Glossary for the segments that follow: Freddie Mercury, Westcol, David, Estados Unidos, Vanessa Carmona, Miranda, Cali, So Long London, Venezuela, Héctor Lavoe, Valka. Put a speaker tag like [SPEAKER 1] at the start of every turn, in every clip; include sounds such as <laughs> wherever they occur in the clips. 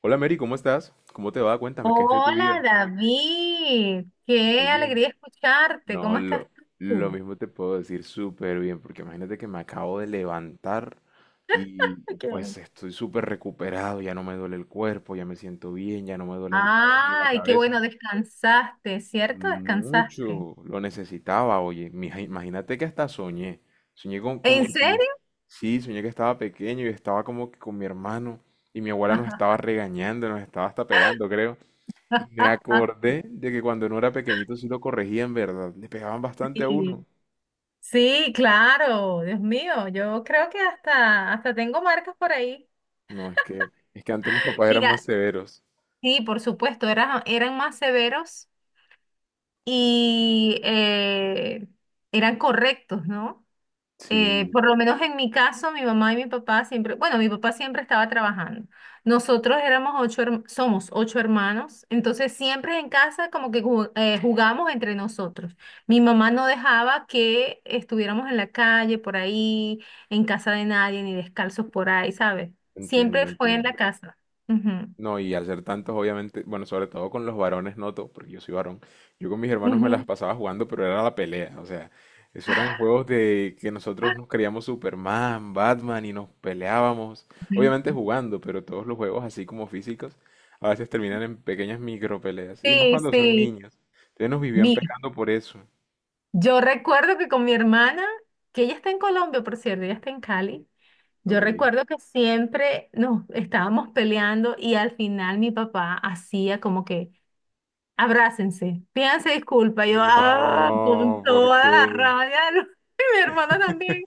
[SPEAKER 1] Hola Mary, ¿cómo estás? ¿Cómo te va? Cuéntame, ¿qué es de tu vida?
[SPEAKER 2] Hola David, qué
[SPEAKER 1] Oye,
[SPEAKER 2] alegría escucharte.
[SPEAKER 1] no,
[SPEAKER 2] ¿Cómo estás
[SPEAKER 1] lo
[SPEAKER 2] tú?
[SPEAKER 1] mismo te puedo decir súper bien, porque imagínate que me acabo de levantar y
[SPEAKER 2] Ay, qué bueno.
[SPEAKER 1] pues estoy súper recuperado, ya no me duele el cuerpo, ya me siento bien, ya no me duelen los ojos ni la
[SPEAKER 2] Ay, qué bueno,
[SPEAKER 1] cabeza.
[SPEAKER 2] descansaste, ¿cierto? Descansaste.
[SPEAKER 1] Mucho, lo necesitaba, oye, mija, imagínate que hasta soñé, soñé con, como
[SPEAKER 2] ¿En
[SPEAKER 1] que si yo,
[SPEAKER 2] serio?
[SPEAKER 1] sí, soñé que estaba pequeño y estaba como que con mi hermano y mi abuela nos estaba
[SPEAKER 2] <laughs>
[SPEAKER 1] regañando, nos estaba hasta pegando, creo. Y me acordé de que cuando uno era pequeñito sí lo corregían, ¿verdad? Le pegaban bastante a
[SPEAKER 2] Sí,
[SPEAKER 1] uno.
[SPEAKER 2] sí, claro, Dios mío, yo creo que hasta tengo marcas por ahí.
[SPEAKER 1] No, es que antes los papás eran más
[SPEAKER 2] Mira,
[SPEAKER 1] severos.
[SPEAKER 2] sí, por supuesto, eran más severos y eran correctos, ¿no?
[SPEAKER 1] Sí,
[SPEAKER 2] Por lo menos en mi caso, mi mamá y mi papá siempre, bueno, mi papá siempre estaba trabajando. Nosotros éramos ocho, somos ocho hermanos, entonces siempre en casa como que jugamos entre nosotros. Mi mamá no dejaba que estuviéramos en la calle, por ahí, en casa de nadie, ni descalzos por ahí, ¿sabes?
[SPEAKER 1] entiendo,
[SPEAKER 2] Siempre fue en
[SPEAKER 1] entiendo.
[SPEAKER 2] la casa. Ujú,
[SPEAKER 1] No, y al ser tantos, obviamente, bueno, sobre todo con los varones noto, porque yo soy varón, yo con mis hermanos me las
[SPEAKER 2] ujú.
[SPEAKER 1] pasaba jugando, pero era la pelea, o sea, eso eran juegos de que nosotros nos creíamos Superman, Batman y nos peleábamos,
[SPEAKER 2] Ujú.
[SPEAKER 1] obviamente jugando, pero todos los juegos así como físicos, a veces terminan en pequeñas micro peleas, y más
[SPEAKER 2] Sí,
[SPEAKER 1] cuando son
[SPEAKER 2] sí.
[SPEAKER 1] niños, entonces nos vivían
[SPEAKER 2] Mira,
[SPEAKER 1] pegando por eso,
[SPEAKER 2] yo recuerdo que con mi hermana, que ella está en Colombia, por cierto, ella está en Cali. Yo
[SPEAKER 1] ok.
[SPEAKER 2] recuerdo que siempre nos estábamos peleando y al final mi papá hacía como que, abrácense, pídanse disculpa. Yo, con
[SPEAKER 1] No,
[SPEAKER 2] toda la
[SPEAKER 1] porque.
[SPEAKER 2] rabia, <laughs> y mi hermana también.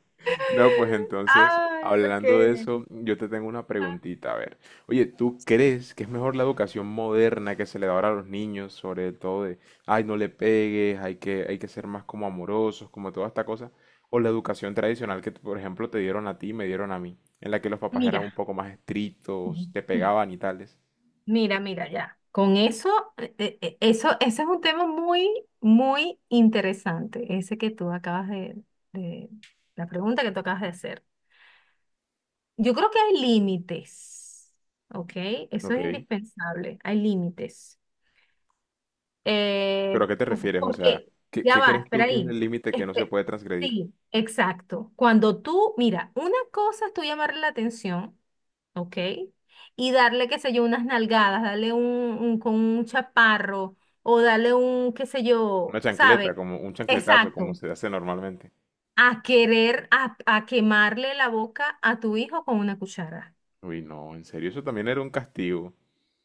[SPEAKER 1] No, pues entonces,
[SPEAKER 2] Ay, ok.
[SPEAKER 1] hablando de eso, yo te tengo una
[SPEAKER 2] Ah,
[SPEAKER 1] preguntita, a ver. Oye, ¿tú crees que es mejor la educación moderna que se le da ahora a los niños, sobre todo de, ay, no le pegues, hay que ser más como amorosos, como toda esta cosa? O la educación tradicional que, por ejemplo, te dieron a ti, y me dieron a mí, en la que los papás eran un
[SPEAKER 2] Mira,
[SPEAKER 1] poco más estrictos, te pegaban y tales.
[SPEAKER 2] mira, mira, ya. Con eso, eso, ese es un tema muy, muy interesante, ese que tú acabas de, la pregunta que tú acabas de hacer. Yo creo que hay límites, ¿ok? Eso
[SPEAKER 1] Ok.
[SPEAKER 2] es indispensable, hay límites.
[SPEAKER 1] ¿Pero a qué te refieres? O sea,
[SPEAKER 2] Porque,
[SPEAKER 1] ¿qué,
[SPEAKER 2] ya
[SPEAKER 1] qué
[SPEAKER 2] va,
[SPEAKER 1] crees tú
[SPEAKER 2] espera
[SPEAKER 1] que es
[SPEAKER 2] ahí.
[SPEAKER 1] el límite que no se
[SPEAKER 2] Espe-
[SPEAKER 1] puede transgredir?
[SPEAKER 2] sí, exacto. Cuando tú, mira, una cosa es tú llamarle la atención, ¿ok? Y darle, qué sé yo, unas nalgadas, darle con un chaparro o darle un, qué sé
[SPEAKER 1] Una
[SPEAKER 2] yo,
[SPEAKER 1] chancleta,
[SPEAKER 2] ¿sabe?
[SPEAKER 1] como un chancletazo, como
[SPEAKER 2] Exacto.
[SPEAKER 1] se hace normalmente.
[SPEAKER 2] A querer, a quemarle la boca a tu hijo con una cuchara.
[SPEAKER 1] Uy, no, en serio, eso también era un castigo.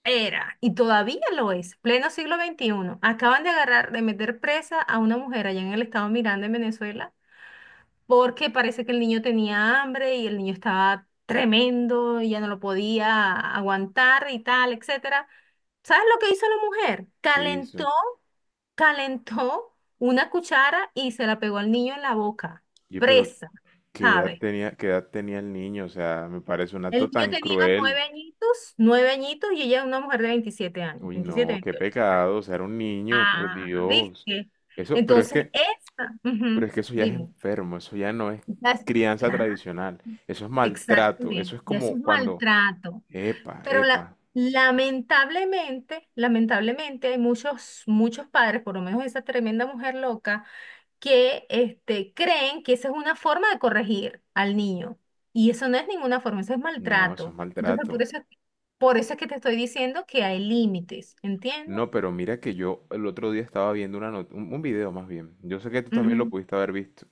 [SPEAKER 2] Era, y todavía lo es, pleno siglo XXI. Acaban de agarrar, de meter presa a una mujer allá en el estado Miranda, en Venezuela, porque parece que el niño tenía hambre y el niño estaba tremendo y ya no lo podía aguantar y tal, etcétera. ¿Sabes lo que hizo la mujer?
[SPEAKER 1] ¿Qué hizo?
[SPEAKER 2] Calentó una cuchara y se la pegó al niño en la boca,
[SPEAKER 1] Oye, pero
[SPEAKER 2] presa,
[SPEAKER 1] ¿qué edad
[SPEAKER 2] ¿sabes?
[SPEAKER 1] tenía, qué edad tenía el niño? O sea, me parece un acto
[SPEAKER 2] El niño
[SPEAKER 1] tan
[SPEAKER 2] tenía
[SPEAKER 1] cruel.
[SPEAKER 2] 9 añitos, 9 añitos, y ella es una mujer de 27 años,
[SPEAKER 1] Uy,
[SPEAKER 2] 27
[SPEAKER 1] no, qué
[SPEAKER 2] 28.
[SPEAKER 1] pecado. O sea, era un niño, por
[SPEAKER 2] Ah,
[SPEAKER 1] Dios.
[SPEAKER 2] ¿viste?
[SPEAKER 1] Eso,
[SPEAKER 2] Entonces,
[SPEAKER 1] pero
[SPEAKER 2] ujú,
[SPEAKER 1] es que eso ya es
[SPEAKER 2] dime,
[SPEAKER 1] enfermo, eso ya no es
[SPEAKER 2] ya es-
[SPEAKER 1] crianza
[SPEAKER 2] claro,
[SPEAKER 1] tradicional. Eso es maltrato. Eso
[SPEAKER 2] exactamente,
[SPEAKER 1] es
[SPEAKER 2] ya es
[SPEAKER 1] como
[SPEAKER 2] un
[SPEAKER 1] cuando,
[SPEAKER 2] maltrato.
[SPEAKER 1] epa,
[SPEAKER 2] Pero
[SPEAKER 1] epa.
[SPEAKER 2] lamentablemente, lamentablemente hay muchos, muchos padres, por lo menos esa tremenda mujer loca, que creen que esa es una forma de corregir al niño. Y eso no es ninguna forma, eso es
[SPEAKER 1] No, eso es
[SPEAKER 2] maltrato. Entonces, por
[SPEAKER 1] maltrato.
[SPEAKER 2] eso, por eso es que te estoy diciendo que hay límites, ¿entiendes?
[SPEAKER 1] No, pero mira que yo el otro día estaba viendo una not- un video más bien. Yo sé que tú también lo
[SPEAKER 2] Ujú,
[SPEAKER 1] pudiste haber visto.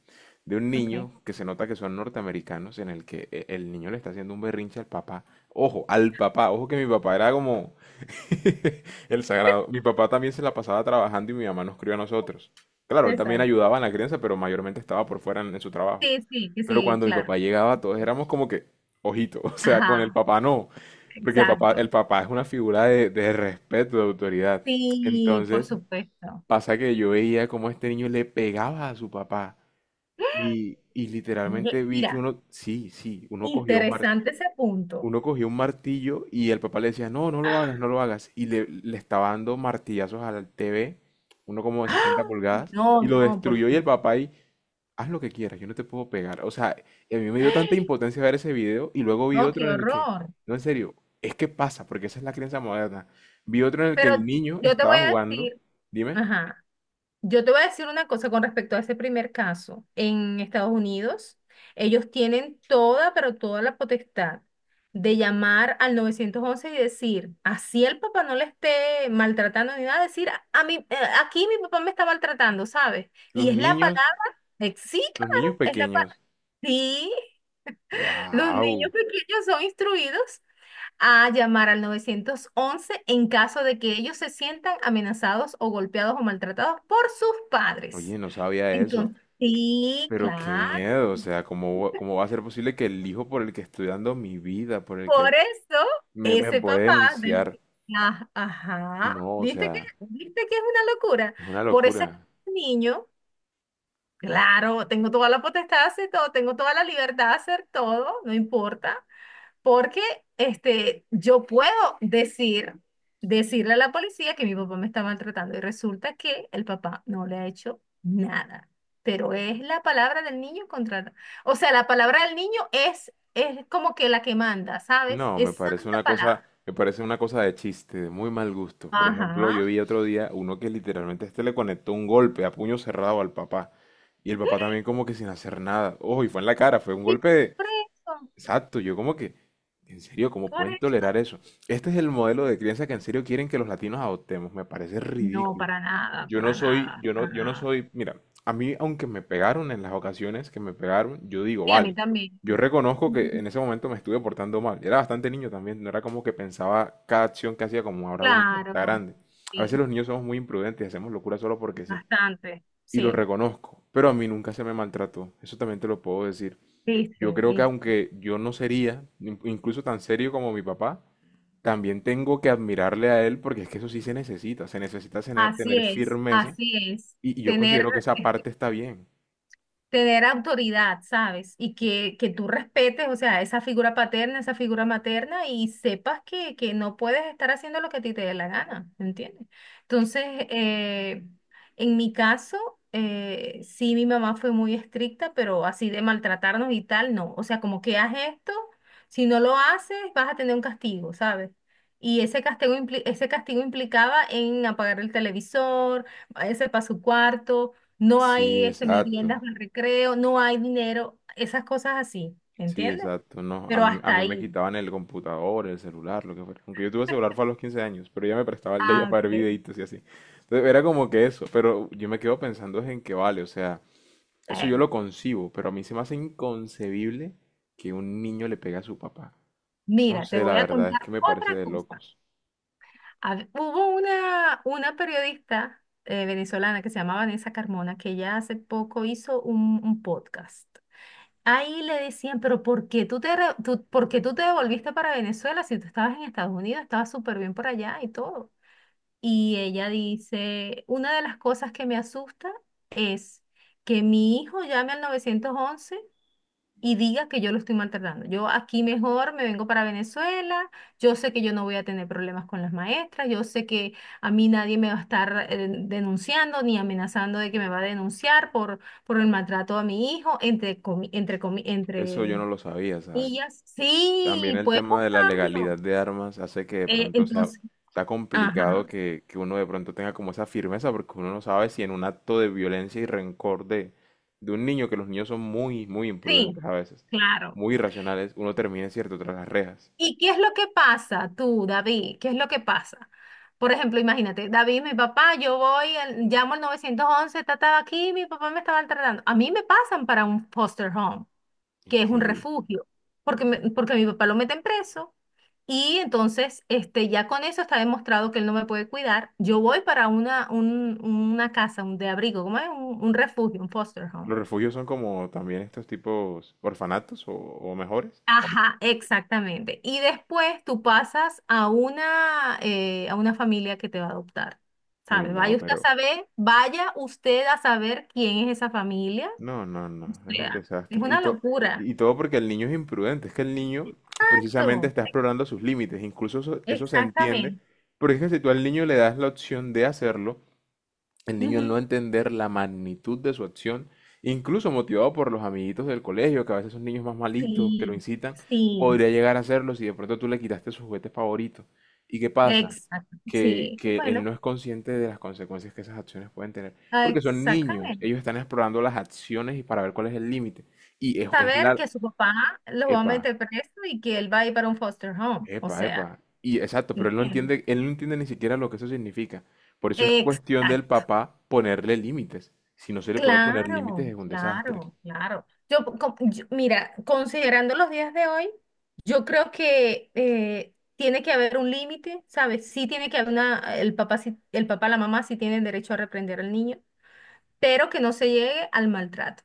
[SPEAKER 1] De un
[SPEAKER 2] ok.
[SPEAKER 1] niño que se nota que son norteamericanos en el que el niño le está haciendo un berrinche al papá. Ojo, al papá. Ojo que mi papá era como, <laughs> el sagrado.
[SPEAKER 2] <laughs>
[SPEAKER 1] Mi papá también se la pasaba trabajando y mi mamá nos crió a nosotros. Claro, él también
[SPEAKER 2] Exacto.
[SPEAKER 1] ayudaba en la crianza, pero mayormente estaba por fuera en su trabajo.
[SPEAKER 2] Sí, sí, que
[SPEAKER 1] Pero
[SPEAKER 2] sí,
[SPEAKER 1] cuando mi
[SPEAKER 2] claro.
[SPEAKER 1] papá llegaba, todos éramos como que, ojito, <laughs> o sea, con el
[SPEAKER 2] Ajá,
[SPEAKER 1] papá no, porque
[SPEAKER 2] exacto.
[SPEAKER 1] el papá es una figura de respeto, de autoridad.
[SPEAKER 2] Sí, por
[SPEAKER 1] Entonces,
[SPEAKER 2] supuesto.
[SPEAKER 1] pasa que yo veía cómo este niño le pegaba a su papá y literalmente vi que
[SPEAKER 2] Mira,
[SPEAKER 1] uno, sí, sí, uno cogía un martillo
[SPEAKER 2] interesante ese punto.
[SPEAKER 1] y el papá le decía, no, no lo
[SPEAKER 2] ¡Ah!
[SPEAKER 1] hagas, no lo hagas. Y le estaba dando martillazos al TV, uno como de 60 pulgadas,
[SPEAKER 2] No,
[SPEAKER 1] y lo
[SPEAKER 2] no, por
[SPEAKER 1] destruyó y el
[SPEAKER 2] favor.
[SPEAKER 1] papá ahí, haz lo que quieras, yo no te puedo pegar. O sea, y a mí me dio tanta impotencia ver ese video y luego vi
[SPEAKER 2] No,
[SPEAKER 1] otro
[SPEAKER 2] qué
[SPEAKER 1] en el que,
[SPEAKER 2] horror.
[SPEAKER 1] no, en serio, es que pasa, porque esa es la crianza moderna. Vi otro en el que
[SPEAKER 2] Pero
[SPEAKER 1] el niño
[SPEAKER 2] yo te voy
[SPEAKER 1] estaba
[SPEAKER 2] a
[SPEAKER 1] jugando,
[SPEAKER 2] decir,
[SPEAKER 1] dime,
[SPEAKER 2] ajá. Yo te voy a decir una cosa con respecto a ese primer caso. En Estados Unidos, ellos tienen toda, pero toda la potestad de llamar al 911 y decir, así el papá no le esté maltratando ni nada, decir, a mí, aquí mi papá me está maltratando, ¿sabes? Y
[SPEAKER 1] los
[SPEAKER 2] es la
[SPEAKER 1] niños,
[SPEAKER 2] palabra, sí,
[SPEAKER 1] los
[SPEAKER 2] claro,
[SPEAKER 1] niños
[SPEAKER 2] es la palabra.
[SPEAKER 1] pequeños,
[SPEAKER 2] Sí, los
[SPEAKER 1] wow,
[SPEAKER 2] niños pequeños son instruidos a llamar al 911 en caso de que ellos se sientan amenazados o golpeados o maltratados por sus padres.
[SPEAKER 1] oye, no sabía eso.
[SPEAKER 2] Entonces, sí,
[SPEAKER 1] Pero qué
[SPEAKER 2] claro.
[SPEAKER 1] miedo, o sea, ¿cómo, cómo va a ser posible que el hijo por el que estoy dando mi vida, por el
[SPEAKER 2] Por
[SPEAKER 1] que
[SPEAKER 2] eso,
[SPEAKER 1] me
[SPEAKER 2] ese
[SPEAKER 1] puede
[SPEAKER 2] papá del...
[SPEAKER 1] denunciar?
[SPEAKER 2] Ah, ajá,
[SPEAKER 1] No, o
[SPEAKER 2] ¿viste que,
[SPEAKER 1] sea,
[SPEAKER 2] viste que es una locura?
[SPEAKER 1] es una
[SPEAKER 2] Por ese
[SPEAKER 1] locura.
[SPEAKER 2] niño, claro, tengo toda la potestad de hacer todo, tengo toda la libertad de hacer todo, no importa. Porque yo puedo decir, decirle a la policía que mi papá me está maltratando y resulta que el papá no le ha hecho nada. Pero es la palabra del niño contra. O sea, la palabra del niño es como que la que manda, ¿sabes?
[SPEAKER 1] No, me
[SPEAKER 2] Es
[SPEAKER 1] parece
[SPEAKER 2] santa
[SPEAKER 1] una cosa,
[SPEAKER 2] palabra.
[SPEAKER 1] me parece una cosa de chiste, de muy mal gusto. Por ejemplo, yo
[SPEAKER 2] Ajá.
[SPEAKER 1] vi otro día uno que literalmente a este le conectó un golpe a puño cerrado al papá. Y el papá también
[SPEAKER 2] <gasps>
[SPEAKER 1] como que sin hacer nada. Ojo, y fue en la cara, fue un
[SPEAKER 2] Sí,
[SPEAKER 1] golpe de.
[SPEAKER 2] por eso,
[SPEAKER 1] Exacto, yo como que. En serio, ¿cómo
[SPEAKER 2] por
[SPEAKER 1] pueden
[SPEAKER 2] eso.
[SPEAKER 1] tolerar eso? Este es el modelo de crianza que en serio quieren que los latinos adoptemos. Me parece
[SPEAKER 2] No,
[SPEAKER 1] ridículo.
[SPEAKER 2] para nada,
[SPEAKER 1] Yo no
[SPEAKER 2] para
[SPEAKER 1] soy,
[SPEAKER 2] nada,
[SPEAKER 1] yo
[SPEAKER 2] para
[SPEAKER 1] no, yo no
[SPEAKER 2] nada.
[SPEAKER 1] soy, mira, a mí aunque me pegaron en las ocasiones que me pegaron, yo digo,
[SPEAKER 2] Sí, a
[SPEAKER 1] vale,
[SPEAKER 2] mí también.
[SPEAKER 1] yo reconozco que
[SPEAKER 2] Ujú.
[SPEAKER 1] en ese momento me estuve portando mal. Era bastante niño también, no era como que pensaba cada acción que hacía como ahora uno que está
[SPEAKER 2] Claro,
[SPEAKER 1] grande. A veces
[SPEAKER 2] sí,
[SPEAKER 1] los niños somos muy imprudentes y hacemos locura solo porque sí.
[SPEAKER 2] bastante,
[SPEAKER 1] Y lo
[SPEAKER 2] sí.
[SPEAKER 1] reconozco, pero a mí nunca se me maltrató, eso también te lo puedo decir. Yo
[SPEAKER 2] Viste,
[SPEAKER 1] creo que
[SPEAKER 2] viste.
[SPEAKER 1] aunque yo no sería incluso tan serio como mi papá, también tengo que admirarle a él porque es que eso sí se necesita tener,
[SPEAKER 2] Así
[SPEAKER 1] tener
[SPEAKER 2] es,
[SPEAKER 1] firmeza
[SPEAKER 2] así es.
[SPEAKER 1] y yo
[SPEAKER 2] Tener,
[SPEAKER 1] considero que esa
[SPEAKER 2] es-
[SPEAKER 1] parte está bien.
[SPEAKER 2] tener autoridad, ¿sabes? Y
[SPEAKER 1] Eh,
[SPEAKER 2] que tú respetes, o sea, esa figura paterna, esa figura materna y sepas que no puedes estar haciendo lo que a ti te dé la gana, ¿entiendes? Entonces, eh, en mi caso, sí, mi mamá fue muy estricta, pero así de maltratarnos y tal, no. O sea, como que haz esto, si no lo haces, vas a tener un castigo, ¿sabes? Y ese castigo, ese castigo implicaba en apagar el televisor, váyase para su cuarto, no hay
[SPEAKER 1] Sí, exacto.
[SPEAKER 2] meriendas de recreo, no hay dinero, esas cosas así,
[SPEAKER 1] Sí,
[SPEAKER 2] ¿entiendes?
[SPEAKER 1] exacto. No, a
[SPEAKER 2] Pero
[SPEAKER 1] mí, a
[SPEAKER 2] hasta
[SPEAKER 1] mí me
[SPEAKER 2] ahí.
[SPEAKER 1] quitaban el computador, el celular, lo que fuera. Aunque yo tuve celular fue a los 15 años, pero ya me prestaba el de ella
[SPEAKER 2] Ah,
[SPEAKER 1] para
[SPEAKER 2] ok.
[SPEAKER 1] ver videitos y así. Entonces era como que eso, pero yo me quedo pensando es en que vale, o sea, eso yo
[SPEAKER 2] Eh,
[SPEAKER 1] lo concibo, pero a mí se me hace inconcebible que un niño le pegue a su papá. No
[SPEAKER 2] Mira, te
[SPEAKER 1] sé, la
[SPEAKER 2] voy a
[SPEAKER 1] verdad es
[SPEAKER 2] contar
[SPEAKER 1] que me parece
[SPEAKER 2] otra
[SPEAKER 1] de
[SPEAKER 2] cosa.
[SPEAKER 1] locos.
[SPEAKER 2] Hubo una periodista venezolana, que se llamaba Vanessa Carmona, que ya hace poco hizo un podcast. Ahí le decían, pero por qué tú te devolviste para Venezuela si tú estabas en Estados Unidos, estabas súper bien por allá y todo? Y ella dice, una de las cosas que me asusta es que mi hijo llame al 911 y diga que yo lo estoy maltratando. Yo aquí mejor me vengo para Venezuela, yo sé que yo no voy a tener problemas con las maestras, yo sé que a mí nadie me va a estar denunciando ni amenazando de que me va a denunciar por el maltrato a mi hijo,
[SPEAKER 1] Eso yo
[SPEAKER 2] entre
[SPEAKER 1] no lo sabía, ¿sabes?
[SPEAKER 2] comillas.
[SPEAKER 1] También
[SPEAKER 2] Sí,
[SPEAKER 1] el
[SPEAKER 2] puedes
[SPEAKER 1] tema de la
[SPEAKER 2] buscarlo.
[SPEAKER 1] legalidad de armas hace que de pronto sea,
[SPEAKER 2] Entonces,
[SPEAKER 1] sea complicado
[SPEAKER 2] ajá,
[SPEAKER 1] que uno de pronto tenga como esa firmeza, porque uno no sabe si en un acto de violencia y rencor de un niño, que los niños son muy, muy
[SPEAKER 2] sí,
[SPEAKER 1] imprudentes a veces,
[SPEAKER 2] claro.
[SPEAKER 1] muy irracionales, uno termine, cierto, tras las rejas.
[SPEAKER 2] ¿Y qué es lo que pasa tú, David? ¿Qué es lo que pasa? Por ejemplo, imagínate, David, mi papá, yo voy, llamo al 911, estaba aquí, mi papá me estaba maltratando. A mí me pasan para un foster home, que es un
[SPEAKER 1] Increíble.
[SPEAKER 2] refugio, porque mi papá lo meten preso. Y entonces, ya con eso está demostrado que él no me puede cuidar. Yo voy para una casa, un de abrigo, ¿cómo es? Un refugio, un foster home.
[SPEAKER 1] Los refugios son como también estos tipos orfanatos o mejores.
[SPEAKER 2] Ajá, exactamente. Y después tú pasas a una familia que te va a adoptar,
[SPEAKER 1] Uy,
[SPEAKER 2] ¿sabes?
[SPEAKER 1] no,
[SPEAKER 2] Vaya usted a
[SPEAKER 1] pero.
[SPEAKER 2] saber, vaya usted a saber quién es esa familia.
[SPEAKER 1] No, no,
[SPEAKER 2] O
[SPEAKER 1] no, es un
[SPEAKER 2] sea, es
[SPEAKER 1] desastre. Y,
[SPEAKER 2] una
[SPEAKER 1] to-
[SPEAKER 2] locura.
[SPEAKER 1] y todo porque el niño es imprudente, es que el niño precisamente
[SPEAKER 2] Exacto,
[SPEAKER 1] está explorando sus límites, incluso eso se entiende,
[SPEAKER 2] exactamente.
[SPEAKER 1] porque es que si tú al niño le das la opción de hacerlo, el niño al
[SPEAKER 2] Ujú.
[SPEAKER 1] no entender la magnitud de su acción, incluso motivado por los amiguitos del colegio, que a veces son niños más malitos, que lo
[SPEAKER 2] Sí,
[SPEAKER 1] incitan,
[SPEAKER 2] sí,
[SPEAKER 1] podría llegar a hacerlo si de pronto tú le quitaste su juguete favorito. ¿Y qué pasa?
[SPEAKER 2] exacto,
[SPEAKER 1] Que,
[SPEAKER 2] sí.
[SPEAKER 1] que él
[SPEAKER 2] Bueno,
[SPEAKER 1] no es consciente de las consecuencias que esas acciones pueden tener. Porque son niños,
[SPEAKER 2] exactamente.
[SPEAKER 1] ellos están explorando las acciones y para ver cuál es el límite. Y es, es
[SPEAKER 2] Saber
[SPEAKER 1] la...
[SPEAKER 2] que su papá lo va a
[SPEAKER 1] Epa,
[SPEAKER 2] meter preso y que él va a ir para un foster home, o
[SPEAKER 1] epa,
[SPEAKER 2] sea,
[SPEAKER 1] epa. Y exacto, pero
[SPEAKER 2] ¿entiendes?
[SPEAKER 1] él no entiende ni siquiera lo que eso significa. Por eso es cuestión del
[SPEAKER 2] Exacto.
[SPEAKER 1] papá ponerle límites. Si no se le puede poner límites
[SPEAKER 2] Claro,
[SPEAKER 1] es un desastre.
[SPEAKER 2] claro, claro. Mira, considerando los días de hoy, yo creo que tiene que haber un límite, ¿sabes? Sí tiene que haber una, el papá, sí- el papá, la mamá sí tienen derecho a reprender al niño, pero que no se llegue al maltrato.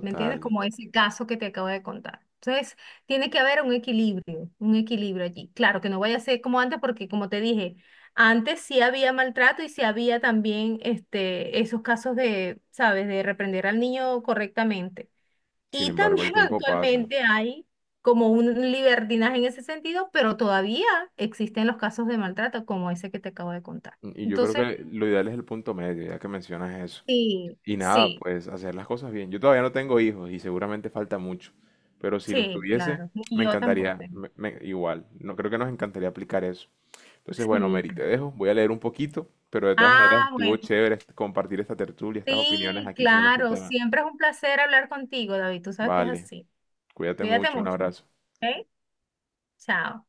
[SPEAKER 2] ¿Me entiendes? Como ese caso que te acabo de contar. Entonces, tiene que haber un equilibrio allí. Claro, que no vaya a ser como antes, porque como te dije, antes sí había maltrato y sí había también esos casos de, ¿sabes?, de reprender al niño correctamente.
[SPEAKER 1] Sin
[SPEAKER 2] Y
[SPEAKER 1] embargo,
[SPEAKER 2] también
[SPEAKER 1] el
[SPEAKER 2] <laughs>
[SPEAKER 1] tiempo pasa.
[SPEAKER 2] actualmente hay como un libertinaje en ese sentido, pero todavía existen los casos de maltrato como ese que te acabo de contar.
[SPEAKER 1] Y yo creo
[SPEAKER 2] Entonces,
[SPEAKER 1] que lo ideal es el punto medio, ya que mencionas eso.
[SPEAKER 2] sí,
[SPEAKER 1] Y nada,
[SPEAKER 2] sí,
[SPEAKER 1] pues hacer las cosas bien. Yo todavía no tengo hijos y seguramente falta mucho. Pero si los
[SPEAKER 2] sí,
[SPEAKER 1] tuviese,
[SPEAKER 2] claro.
[SPEAKER 1] me
[SPEAKER 2] Y yo tampoco
[SPEAKER 1] encantaría,
[SPEAKER 2] tengo.
[SPEAKER 1] igual. No creo que nos encantaría aplicar eso. Entonces, bueno,
[SPEAKER 2] Sí.
[SPEAKER 1] Mary, te dejo. Voy a leer un poquito, pero de todas maneras
[SPEAKER 2] Ah,
[SPEAKER 1] estuvo
[SPEAKER 2] bueno,
[SPEAKER 1] chévere compartir esta tertulia, estas opiniones
[SPEAKER 2] sí,
[SPEAKER 1] aquí sobre este
[SPEAKER 2] claro.
[SPEAKER 1] tema.
[SPEAKER 2] Siempre es un placer hablar contigo, David. Tú sabes que es
[SPEAKER 1] Vale,
[SPEAKER 2] así.
[SPEAKER 1] cuídate
[SPEAKER 2] Cuídate
[SPEAKER 1] mucho, un
[SPEAKER 2] mucho.
[SPEAKER 1] abrazo.
[SPEAKER 2] ¿Ok? Chao.